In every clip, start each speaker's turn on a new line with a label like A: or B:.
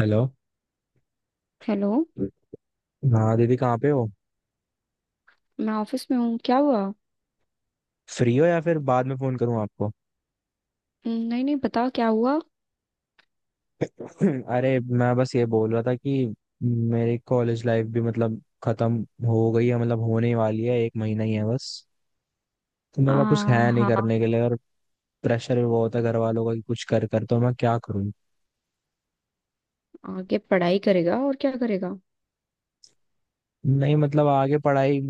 A: Hello.
B: Hello.
A: हाँ दीदी कहाँ पे हो।
B: मैं ऑफिस में हूँ, क्या हुआ?
A: फ्री हो या फिर बाद में फोन करूँ आपको।
B: नहीं नहीं, बताओ क्या हुआ।
A: अरे मैं बस ये बोल रहा था कि मेरी कॉलेज लाइफ भी मतलब खत्म हो गई है मतलब होने वाली है एक महीना ही है बस। तो
B: आ,
A: मेरे पास कुछ है नहीं
B: हाँ।
A: करने के लिए और प्रेशर भी बहुत है घर वालों का कि कुछ कर कर तो मैं क्या करूँ।
B: आगे पढ़ाई करेगा और क्या करेगा?
A: नहीं मतलब आगे पढ़ाई।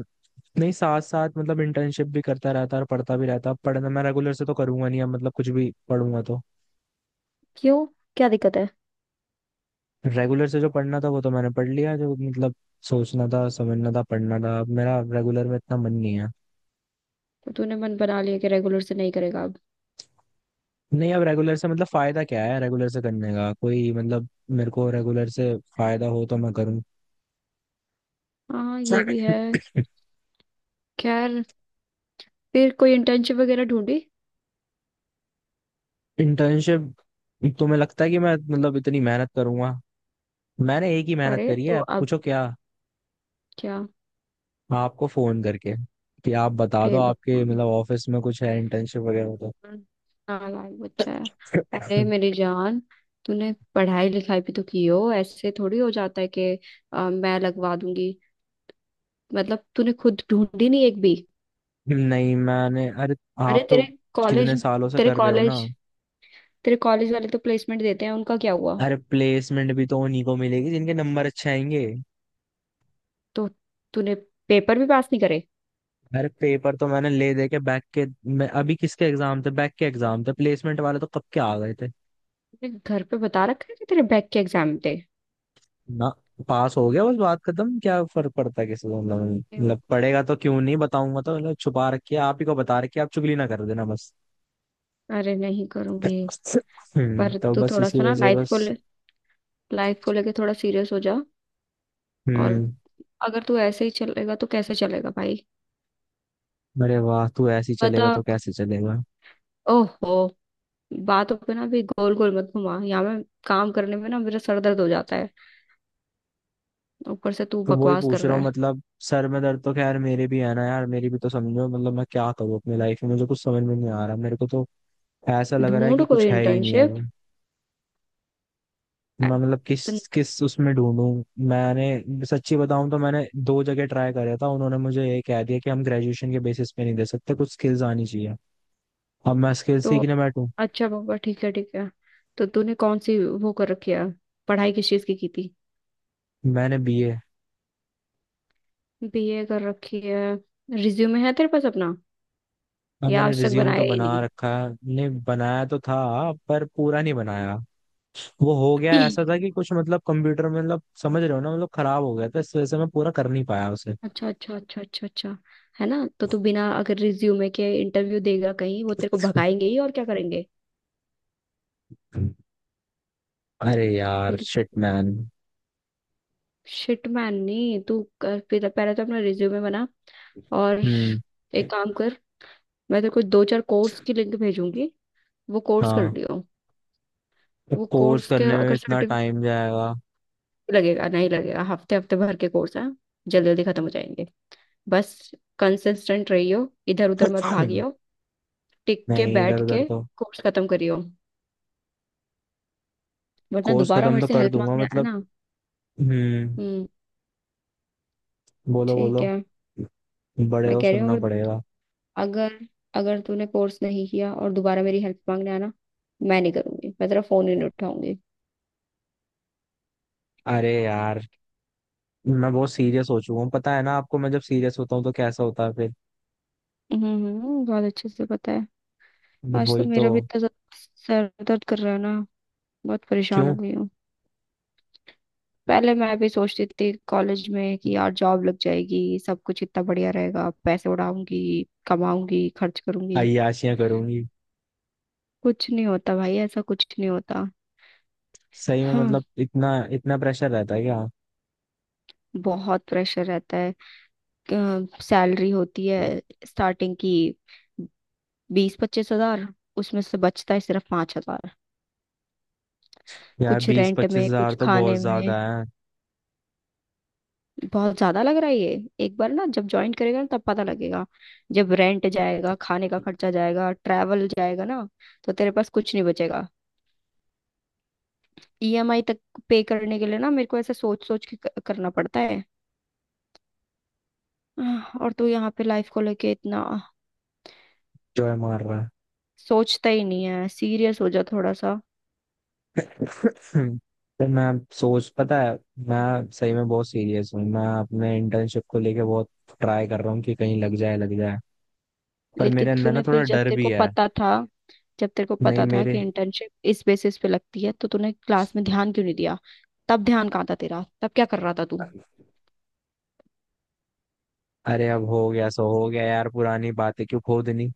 A: नहीं साथ साथ मतलब इंटर्नशिप भी करता रहता और पढ़ता भी रहता अब पढ़ना मैं रेगुलर से तो करूंगा नहीं अब मतलब कुछ भी पढ़ूंगा तो।
B: क्यों, क्या दिक्कत है?
A: रेगुलर से जो पढ़ना था वो तो मैंने पढ़ लिया जो मतलब सोचना था समझना था पढ़ना था अब मेरा रेगुलर में इतना मन नहीं है।
B: तो तूने मन बना लिया कि रेगुलर से नहीं करेगा अब?
A: नहीं अब रेगुलर से मतलब फायदा क्या है रेगुलर से करने का कोई मतलब। मेरे को रेगुलर से फायदा हो तो मैं करूँ।
B: हाँ, ये भी है। खैर, फिर कोई इंटर्नशिप वगैरह ढूंढी?
A: इंटर्नशिप। तुम्हें लगता है कि मैं मतलब इतनी मेहनत करूंगा। मैंने एक ही मेहनत
B: अरे
A: करी
B: तो
A: है
B: अब
A: पूछो क्या।
B: क्या?
A: आपको फोन करके कि आप बता दो
B: ए
A: आपके
B: भगवान,
A: मतलब ऑफिस में कुछ है इंटर्नशिप वगैरह तो।
B: नालायक बच्चा है। अरे मेरी जान, तूने पढ़ाई लिखाई भी तो की हो, ऐसे थोड़ी हो जाता है कि मैं लगवा दूंगी। मतलब तूने खुद ढूंढी नहीं एक भी?
A: नहीं मैंने अरे
B: अरे
A: आप तो
B: तेरे
A: कितने
B: कॉलेज,
A: सालों से
B: तेरे
A: कर रहे हो ना।
B: कॉलेज तेरे कॉलेज वाले तो प्लेसमेंट देते हैं, उनका क्या हुआ?
A: अरे प्लेसमेंट भी तो उन्हीं को मिलेगी जिनके नंबर अच्छे आएंगे।
B: तो तूने पेपर भी पास नहीं करे।
A: अरे पेपर तो मैंने ले दे के बैक के। मैं अभी किसके एग्जाम थे बैक के एग्जाम थे प्लेसमेंट वाले तो कब के आ गए थे।
B: तूने घर पे बता रखा है कि तेरे बैक के एग्जाम थे?
A: ना। पास हो गया बस बात खत्म क्या फर्क पड़ता है किसी को मतलब। मतलब पड़ेगा तो क्यों नहीं बताऊंगा तो मतलब छुपा रखिए आप ही को बता रखिए आप चुगली ना कर देना बस।
B: अरे नहीं करूंगी। पर
A: तो
B: तू
A: बस
B: थोड़ा
A: इसी
B: सा
A: वजह
B: ना
A: से
B: लाइफ
A: बस।
B: को, लाइफ को लेके थोड़ा सीरियस हो जा। और
A: हम्म।
B: अगर तू ऐसे ही चलेगा तो कैसे चलेगा भाई?
A: अरे वाह तू ऐसे ही
B: बता।
A: चलेगा तो कैसे चलेगा।
B: ओहो। बातों पे ना भी गोल गोल मत घुमा, यहाँ में काम करने में ना मेरा सर दर्द हो जाता है, ऊपर से तू
A: तो वही
B: बकवास कर
A: पूछ रहा
B: रहा
A: हूँ
B: है।
A: मतलब। सर में दर्द तो खैर मेरे भी है ना यार मेरी भी तो समझो मतलब मैं क्या करूँ अपनी लाइफ में मुझे कुछ समझ में नहीं आ रहा मेरे को तो ऐसा लग रहा है
B: ढूंढ
A: कि कुछ
B: कोई
A: है ही नहीं अब। मैं
B: इंटर्नशिप।
A: मतलब किस किस उसमें ढूंढूं। मैंने सच्ची बताऊं तो मैंने दो जगह ट्राई करा था उन्होंने मुझे ये कह दिया कि हम ग्रेजुएशन के बेसिस पे नहीं दे सकते कुछ स्किल्स आनी चाहिए। अब मैं स्किल्स
B: तो
A: सीखने बैठूं।
B: अच्छा पापा, ठीक है ठीक है। तो तूने कौन सी वो कर रखी है? पढ़ाई किस चीज की थी?
A: मैंने बीए।
B: बीए कर रखी है। रिज्यूमे है तेरे पास अपना,
A: अब
B: या
A: मैंने
B: आज तक
A: रिज्यूम तो
B: बनाया ही
A: बना
B: नहीं?
A: रखा है। नहीं बनाया तो था पर पूरा नहीं बनाया। वो हो गया ऐसा था कि कुछ मतलब कंप्यूटर में मतलब समझ रहे हो ना मतलब खराब हो गया था इस वजह से मैं पूरा कर नहीं पाया उसे।
B: अच्छा अच्छा अच्छा अच्छा अच्छा। है ना, तो तू बिना अगर रिज्यूमे के इंटरव्यू देगा कहीं, वो तेरे को भगाएंगे ही और क्या करेंगे?
A: अरे यार
B: bill,
A: shit man.
B: Shit man नहीं। तू कर, पहले पहले तो अपना रिज्यूमे बना। और
A: हम्म।
B: एक काम कर, मैं तेरे को दो चार कोर्स की लिंक भेजूंगी, वो कोर्स कर
A: हाँ।
B: लियो।
A: तो
B: वो
A: कोर्स
B: कोर्स के
A: करने में
B: अगर
A: इतना
B: सर्टिफिकेट,
A: टाइम जाएगा।
B: लगेगा नहीं लगेगा, हफ्ते हफ्ते भर के कोर्स है, जल्दी जल्दी खत्म हो जाएंगे। बस कंसिस्टेंट रहियो, इधर उधर मत भागियो, टिक के
A: नहीं इधर
B: बैठ
A: उधर
B: के
A: तो।
B: कोर्स खत्म करियो। वरना
A: कोर्स
B: दोबारा
A: खत्म
B: मेरे
A: तो
B: से
A: कर
B: हेल्प
A: दूंगा
B: मांगने आया
A: मतलब।
B: ना।
A: हम्म।
B: हम्म
A: बोलो
B: ठीक
A: बोलो।
B: है।
A: बड़े
B: मैं
A: हो
B: कह रही
A: सुनना
B: हूँ, अगर,
A: पड़ेगा।
B: अगर, तूने कोर्स नहीं किया और दोबारा मेरी हेल्प मांगने आना, मैं नहीं करूंगी, मैं तेरा फोन ही नहीं उठाऊंगी।
A: अरे यार मैं बहुत सीरियस हो चुका हूँ पता है ना आपको। मैं जब सीरियस होता हूँ तो कैसा होता है फिर।
B: बहुत अच्छे से पता है। आज तो
A: वही तो।
B: मेरा भी इतना ज्यादा सर दर्द कर रहा है ना, बहुत परेशान
A: क्यों।
B: हो गई हूँ। पहले मैं भी सोचती थी कॉलेज में कि यार जॉब लग जाएगी, सब कुछ इतना बढ़िया रहेगा, पैसे उड़ाऊंगी, कमाऊंगी, खर्च करूंगी।
A: अय्याशियां करूंगी।
B: कुछ नहीं होता भाई, ऐसा कुछ नहीं होता।
A: सही में
B: हाँ,
A: मतलब इतना इतना प्रेशर रहता है क्या।
B: बहुत प्रेशर रहता है। सैलरी होती है स्टार्टिंग की 20-25 हज़ार, उसमें से बचता है सिर्फ 5 हज़ार,
A: यार
B: कुछ
A: बीस
B: रेंट
A: पच्चीस
B: में,
A: हजार
B: कुछ
A: तो
B: खाने
A: बहुत
B: में।
A: ज्यादा है।
B: बहुत ज्यादा लग रहा है ये? एक बार ना जब ज्वाइन करेगा ना, तब पता लगेगा। जब रेंट जाएगा, खाने का खर्चा जाएगा, ट्रैवल जाएगा ना, तो तेरे पास कुछ नहीं बचेगा। ईएमआई तक पे करने के लिए ना, मेरे को ऐसे सोच सोच के करना पड़ता है। और तू यहाँ पे लाइफ को लेके इतना
A: जो है मार रहा
B: सोचता ही नहीं है, सीरियस हो जा थोड़ा सा।
A: है। तो मैं सोच पता है मैं सही में बहुत सीरियस हूँ मैं अपने इंटर्नशिप को लेके बहुत ट्राई कर रहा हूँ कि कहीं लग जाए लग जाए। पर
B: लेकिन
A: मेरे अंदर ना
B: तूने
A: थोड़ा
B: फिर, जब
A: डर
B: तेरे
A: भी
B: को
A: है।
B: पता था, जब तेरे को
A: नहीं
B: पता था कि
A: मेरे।
B: इंटर्नशिप इस बेसिस पे लगती है, तो तूने क्लास में ध्यान क्यों नहीं दिया? तब ध्यान कहाँ था तेरा, तब क्या कर रहा था तू?
A: अरे अब हो गया सो हो गया यार पुरानी बातें क्यों खोदनी।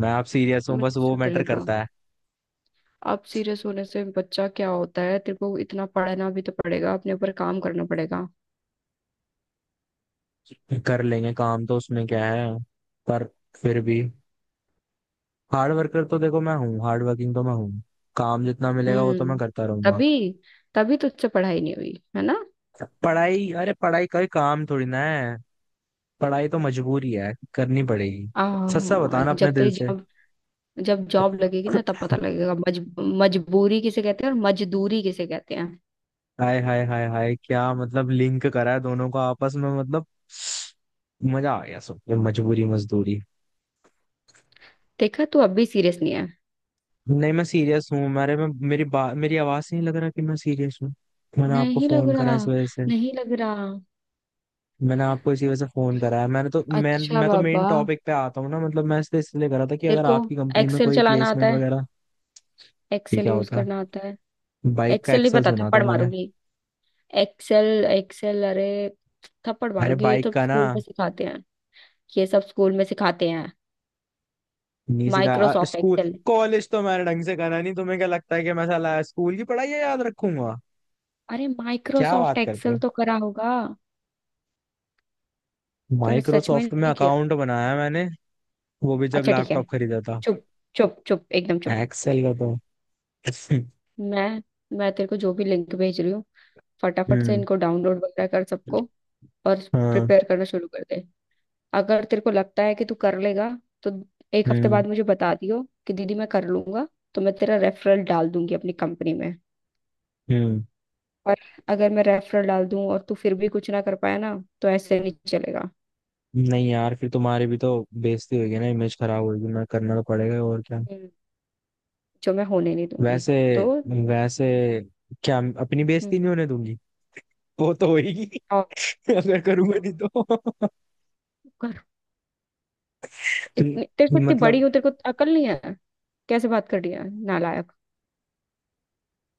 A: मैं अब सीरियस
B: तू
A: हूँ
B: नहीं
A: बस वो मैटर
B: सुधरेगा।
A: करता है।
B: अब सीरियस होने से बच्चा क्या होता है, तेरे को इतना पढ़ना भी तो पड़ेगा, अपने ऊपर काम करना पड़ेगा।
A: कर लेंगे काम तो उसमें क्या है पर फिर भी हार्ड वर्कर तो देखो मैं हूँ हार्ड वर्किंग तो मैं हूँ। काम जितना मिलेगा वो तो
B: हम्म।
A: मैं करता रहूंगा।
B: तभी, तभी तो तुझसे पढ़ाई नहीं हुई है ना।
A: पढ़ाई अरे पढ़ाई का ही काम थोड़ी ना है। पढ़ाई तो मजबूरी है करनी पड़ेगी। सच्चा बताना अपने
B: जब
A: दिल
B: तेरी
A: से।
B: जॉब, जब जॉब लगेगी ना, तब पता लगेगा मजबूरी किसे कहते हैं और मजदूरी किसे कहते हैं।
A: हाय हाय हाय हाय क्या मतलब लिंक करा है दोनों को आपस में मतलब। मजा आ गया सुन के मजबूरी मजदूरी।
B: देखा, तू अब भी सीरियस नहीं है।
A: नहीं मैं सीरियस हूँ मेरे में मेरी आवाज से नहीं लग रहा कि मैं सीरियस हूँ। मैंने आपको
B: नहीं लग
A: फोन करा है
B: रहा,
A: इस वजह से।
B: नहीं लग रहा।
A: मैंने आपको इसी वजह से फोन करा है मैंने तो मैं
B: अच्छा
A: मैं तो मेन
B: बाबा,
A: टॉपिक पे आता हूँ ना मतलब मैं इसलिए इसलिए करा था कि
B: तेरे
A: अगर
B: को
A: आपकी कंपनी में
B: एक्सेल
A: कोई
B: चलाना आता
A: प्लेसमेंट
B: है?
A: वगैरह। ये
B: एक्सेल
A: क्या
B: यूज
A: होता है।
B: करना आता है?
A: बाइक का
B: एक्सेल नहीं
A: एक्सेल
B: पता,
A: सुना था
B: थप्पड़
A: मैंने।
B: मारूंगी। एक्सेल एक्सेल, अरे थप्पड़
A: अरे
B: मारूंगी, ये
A: बाइक
B: तो
A: का ना।
B: स्कूल में सिखाते हैं। ये सब स्कूल में सिखाते हैं,
A: नहीं सिखाया
B: माइक्रोसॉफ्ट
A: स्कूल।
B: एक्सेल।
A: कॉलेज तो मैंने ढंग से करा नहीं तुम्हें क्या लगता है कि मैं साला स्कूल की पढ़ाई याद रखूंगा।
B: अरे
A: क्या
B: माइक्रोसॉफ्ट
A: बात करते हो।
B: एक्सेल तो करा होगा। तूने सच में
A: माइक्रोसॉफ्ट में
B: नहीं किया?
A: अकाउंट बनाया मैंने। वो भी जब
B: अच्छा ठीक है,
A: लैपटॉप खरीदा था।
B: चुप, चुप चुप एकदम चुप।
A: एक्सेल का तो
B: मैं मैं तेरे को जो भी लिंक भेज रही हूँ, फटाफट से
A: हम्म।
B: इनको डाउनलोड वगैरह कर सबको, और
A: हाँ।
B: प्रिपेयर करना शुरू कर दे। अगर तेरे को लगता है कि तू कर लेगा, तो एक हफ्ते
A: हम्म।
B: बाद मुझे बता दियो कि दीदी मैं कर लूंगा, तो मैं तेरा रेफरल डाल दूंगी अपनी कंपनी में।
A: हम्म।
B: और अगर मैं रेफरल डाल दूं और तू फिर भी कुछ ना कर पाया ना, तो ऐसे नहीं चलेगा।
A: नहीं यार फिर तुम्हारी भी तो बेइज्जती होगी ना इमेज खराब होगी ना करना तो पड़ेगा और क्या।
B: हम्म। जो मैं होने नहीं दूंगी।
A: वैसे
B: तो
A: वैसे क्या अपनी
B: हम्म,
A: बेइज्जती नहीं होने दूंगी। वो तो होगी।
B: और
A: अगर करूंगा नहीं तो
B: कर।
A: तो
B: इतनी तेरे को, इतनी बड़ी
A: मतलब।
B: हो, तेरे को अकल नहीं है? कैसे बात कर रही है नालायक।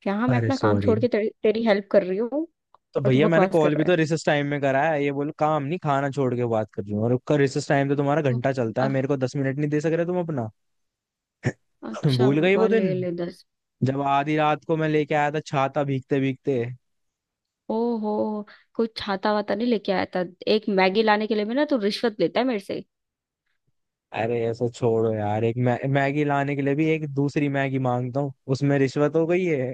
B: यहाँ मैं
A: अरे
B: अपना काम
A: सॉरी।
B: छोड़ के तेरी हेल्प कर रही हूँ
A: तो
B: और तू
A: भैया मैंने
B: बकवास कर
A: कॉल भी
B: रहा
A: तो
B: है।
A: रिसेस टाइम में करा है ये बोलो काम नहीं खाना छोड़ के बात कर रही हूँ और उसका रिसेस टाइम तो तुम्हारा
B: तो
A: घंटा चलता है
B: अब
A: मेरे को 10 मिनट नहीं दे सक रहे तुम अपना।
B: अच्छा
A: भूल गई वो
B: बाबा,
A: दिन
B: ले ले 10।
A: जब आधी रात को मैं लेके आया था छाता भीगते भीगते।
B: ओहो, कुछ छाता वाता नहीं लेके आया था। एक मैगी लाने के लिए भी ना, तू रिश्वत लेता है मेरे से।
A: अरे ऐसा छोड़ो यार एक मै मैगी लाने के लिए भी एक दूसरी मैगी मांगता हूँ उसमें रिश्वत हो गई है।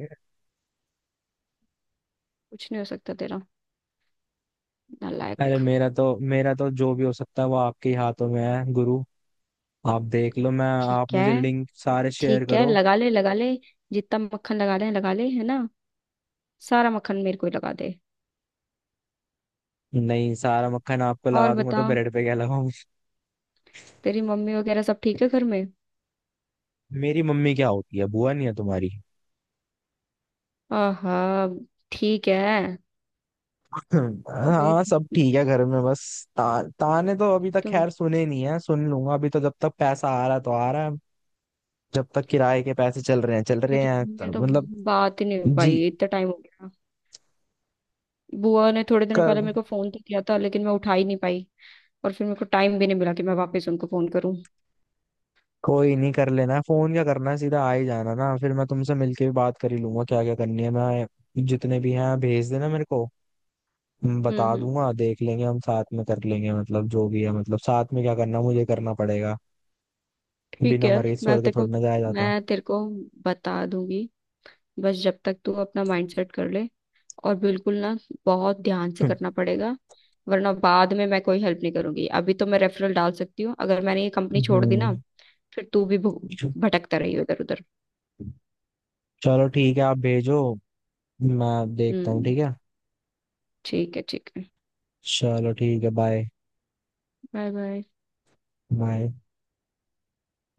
B: कुछ नहीं हो सकता तेरा
A: अरे
B: नालायक।
A: मेरा तो जो भी हो सकता है वो आपके ही हाथों में है गुरु। आप देख लो मैं आप
B: ठीक है,
A: मुझे लिंक सारे शेयर
B: ठीक है,
A: करो।
B: लगा ले लगा ले, जितना मक्खन लगा ले लगा ले, है ना, सारा मक्खन मेरे को ही लगा दे।
A: नहीं सारा मक्खन आपको
B: और
A: लगा दूंगा तो
B: बता,
A: ब्रेड पे क्या लगाऊं।
B: तेरी मम्मी वगैरह सब ठीक है घर में?
A: मेरी मम्मी क्या होती है बुआ नहीं है तुम्हारी।
B: आहा, ठीक है।
A: हाँ
B: मेरे
A: सब ठीक है घर में बस ताने तो अभी तक
B: तो
A: खैर सुने नहीं है सुन लूंगा अभी तो जब तक पैसा आ रहा है तो आ रहा है। जब तक किराए के पैसे चल रहे
B: मेरे, तो,
A: हैं
B: मेरे
A: तब
B: तो
A: मतलब।
B: बात ही नहीं हो
A: जी।
B: पाई, इतना टाइम हो गया। बुआ ने थोड़े दिन
A: कर
B: पहले मेरे को फोन तो किया था, लेकिन मैं उठा ही नहीं पाई, और फिर मेरे को टाइम भी नहीं मिला कि मैं वापस उनको फोन करूं।
A: कोई नहीं कर लेना है फोन क्या करना है सीधा आ ही जाना ना फिर मैं तुमसे मिलके भी बात कर ही लूंगा क्या क्या करनी है मैं जितने भी हैं भेज देना मेरे को। मैं बता
B: हम्म,
A: दूंगा देख लेंगे हम साथ में कर लेंगे मतलब जो भी है मतलब साथ में क्या करना है, मुझे करना पड़ेगा।
B: ठीक
A: बिना
B: है।
A: मरे
B: मैं
A: स्वर्ग
B: तेरे को
A: थोड़ी ना जाया जाता।
B: मैं तेरे को बता दूंगी, बस जब तक तू अपना माइंड सेट कर ले, और बिल्कुल ना, बहुत ध्यान से करना पड़ेगा। वरना बाद में मैं कोई हेल्प नहीं करूंगी। अभी तो मैं रेफरल डाल सकती हूँ, अगर मैंने ये कंपनी छोड़ दी ना,
A: हम्म।
B: फिर तू भी भटकता रही उधर उधर।
A: चलो ठीक है आप भेजो। मैं देखता हूँ
B: हम्म,
A: ठीक है।
B: ठीक है ठीक है,
A: चलो ठीक है बाय।
B: Bye bye.
A: बाय।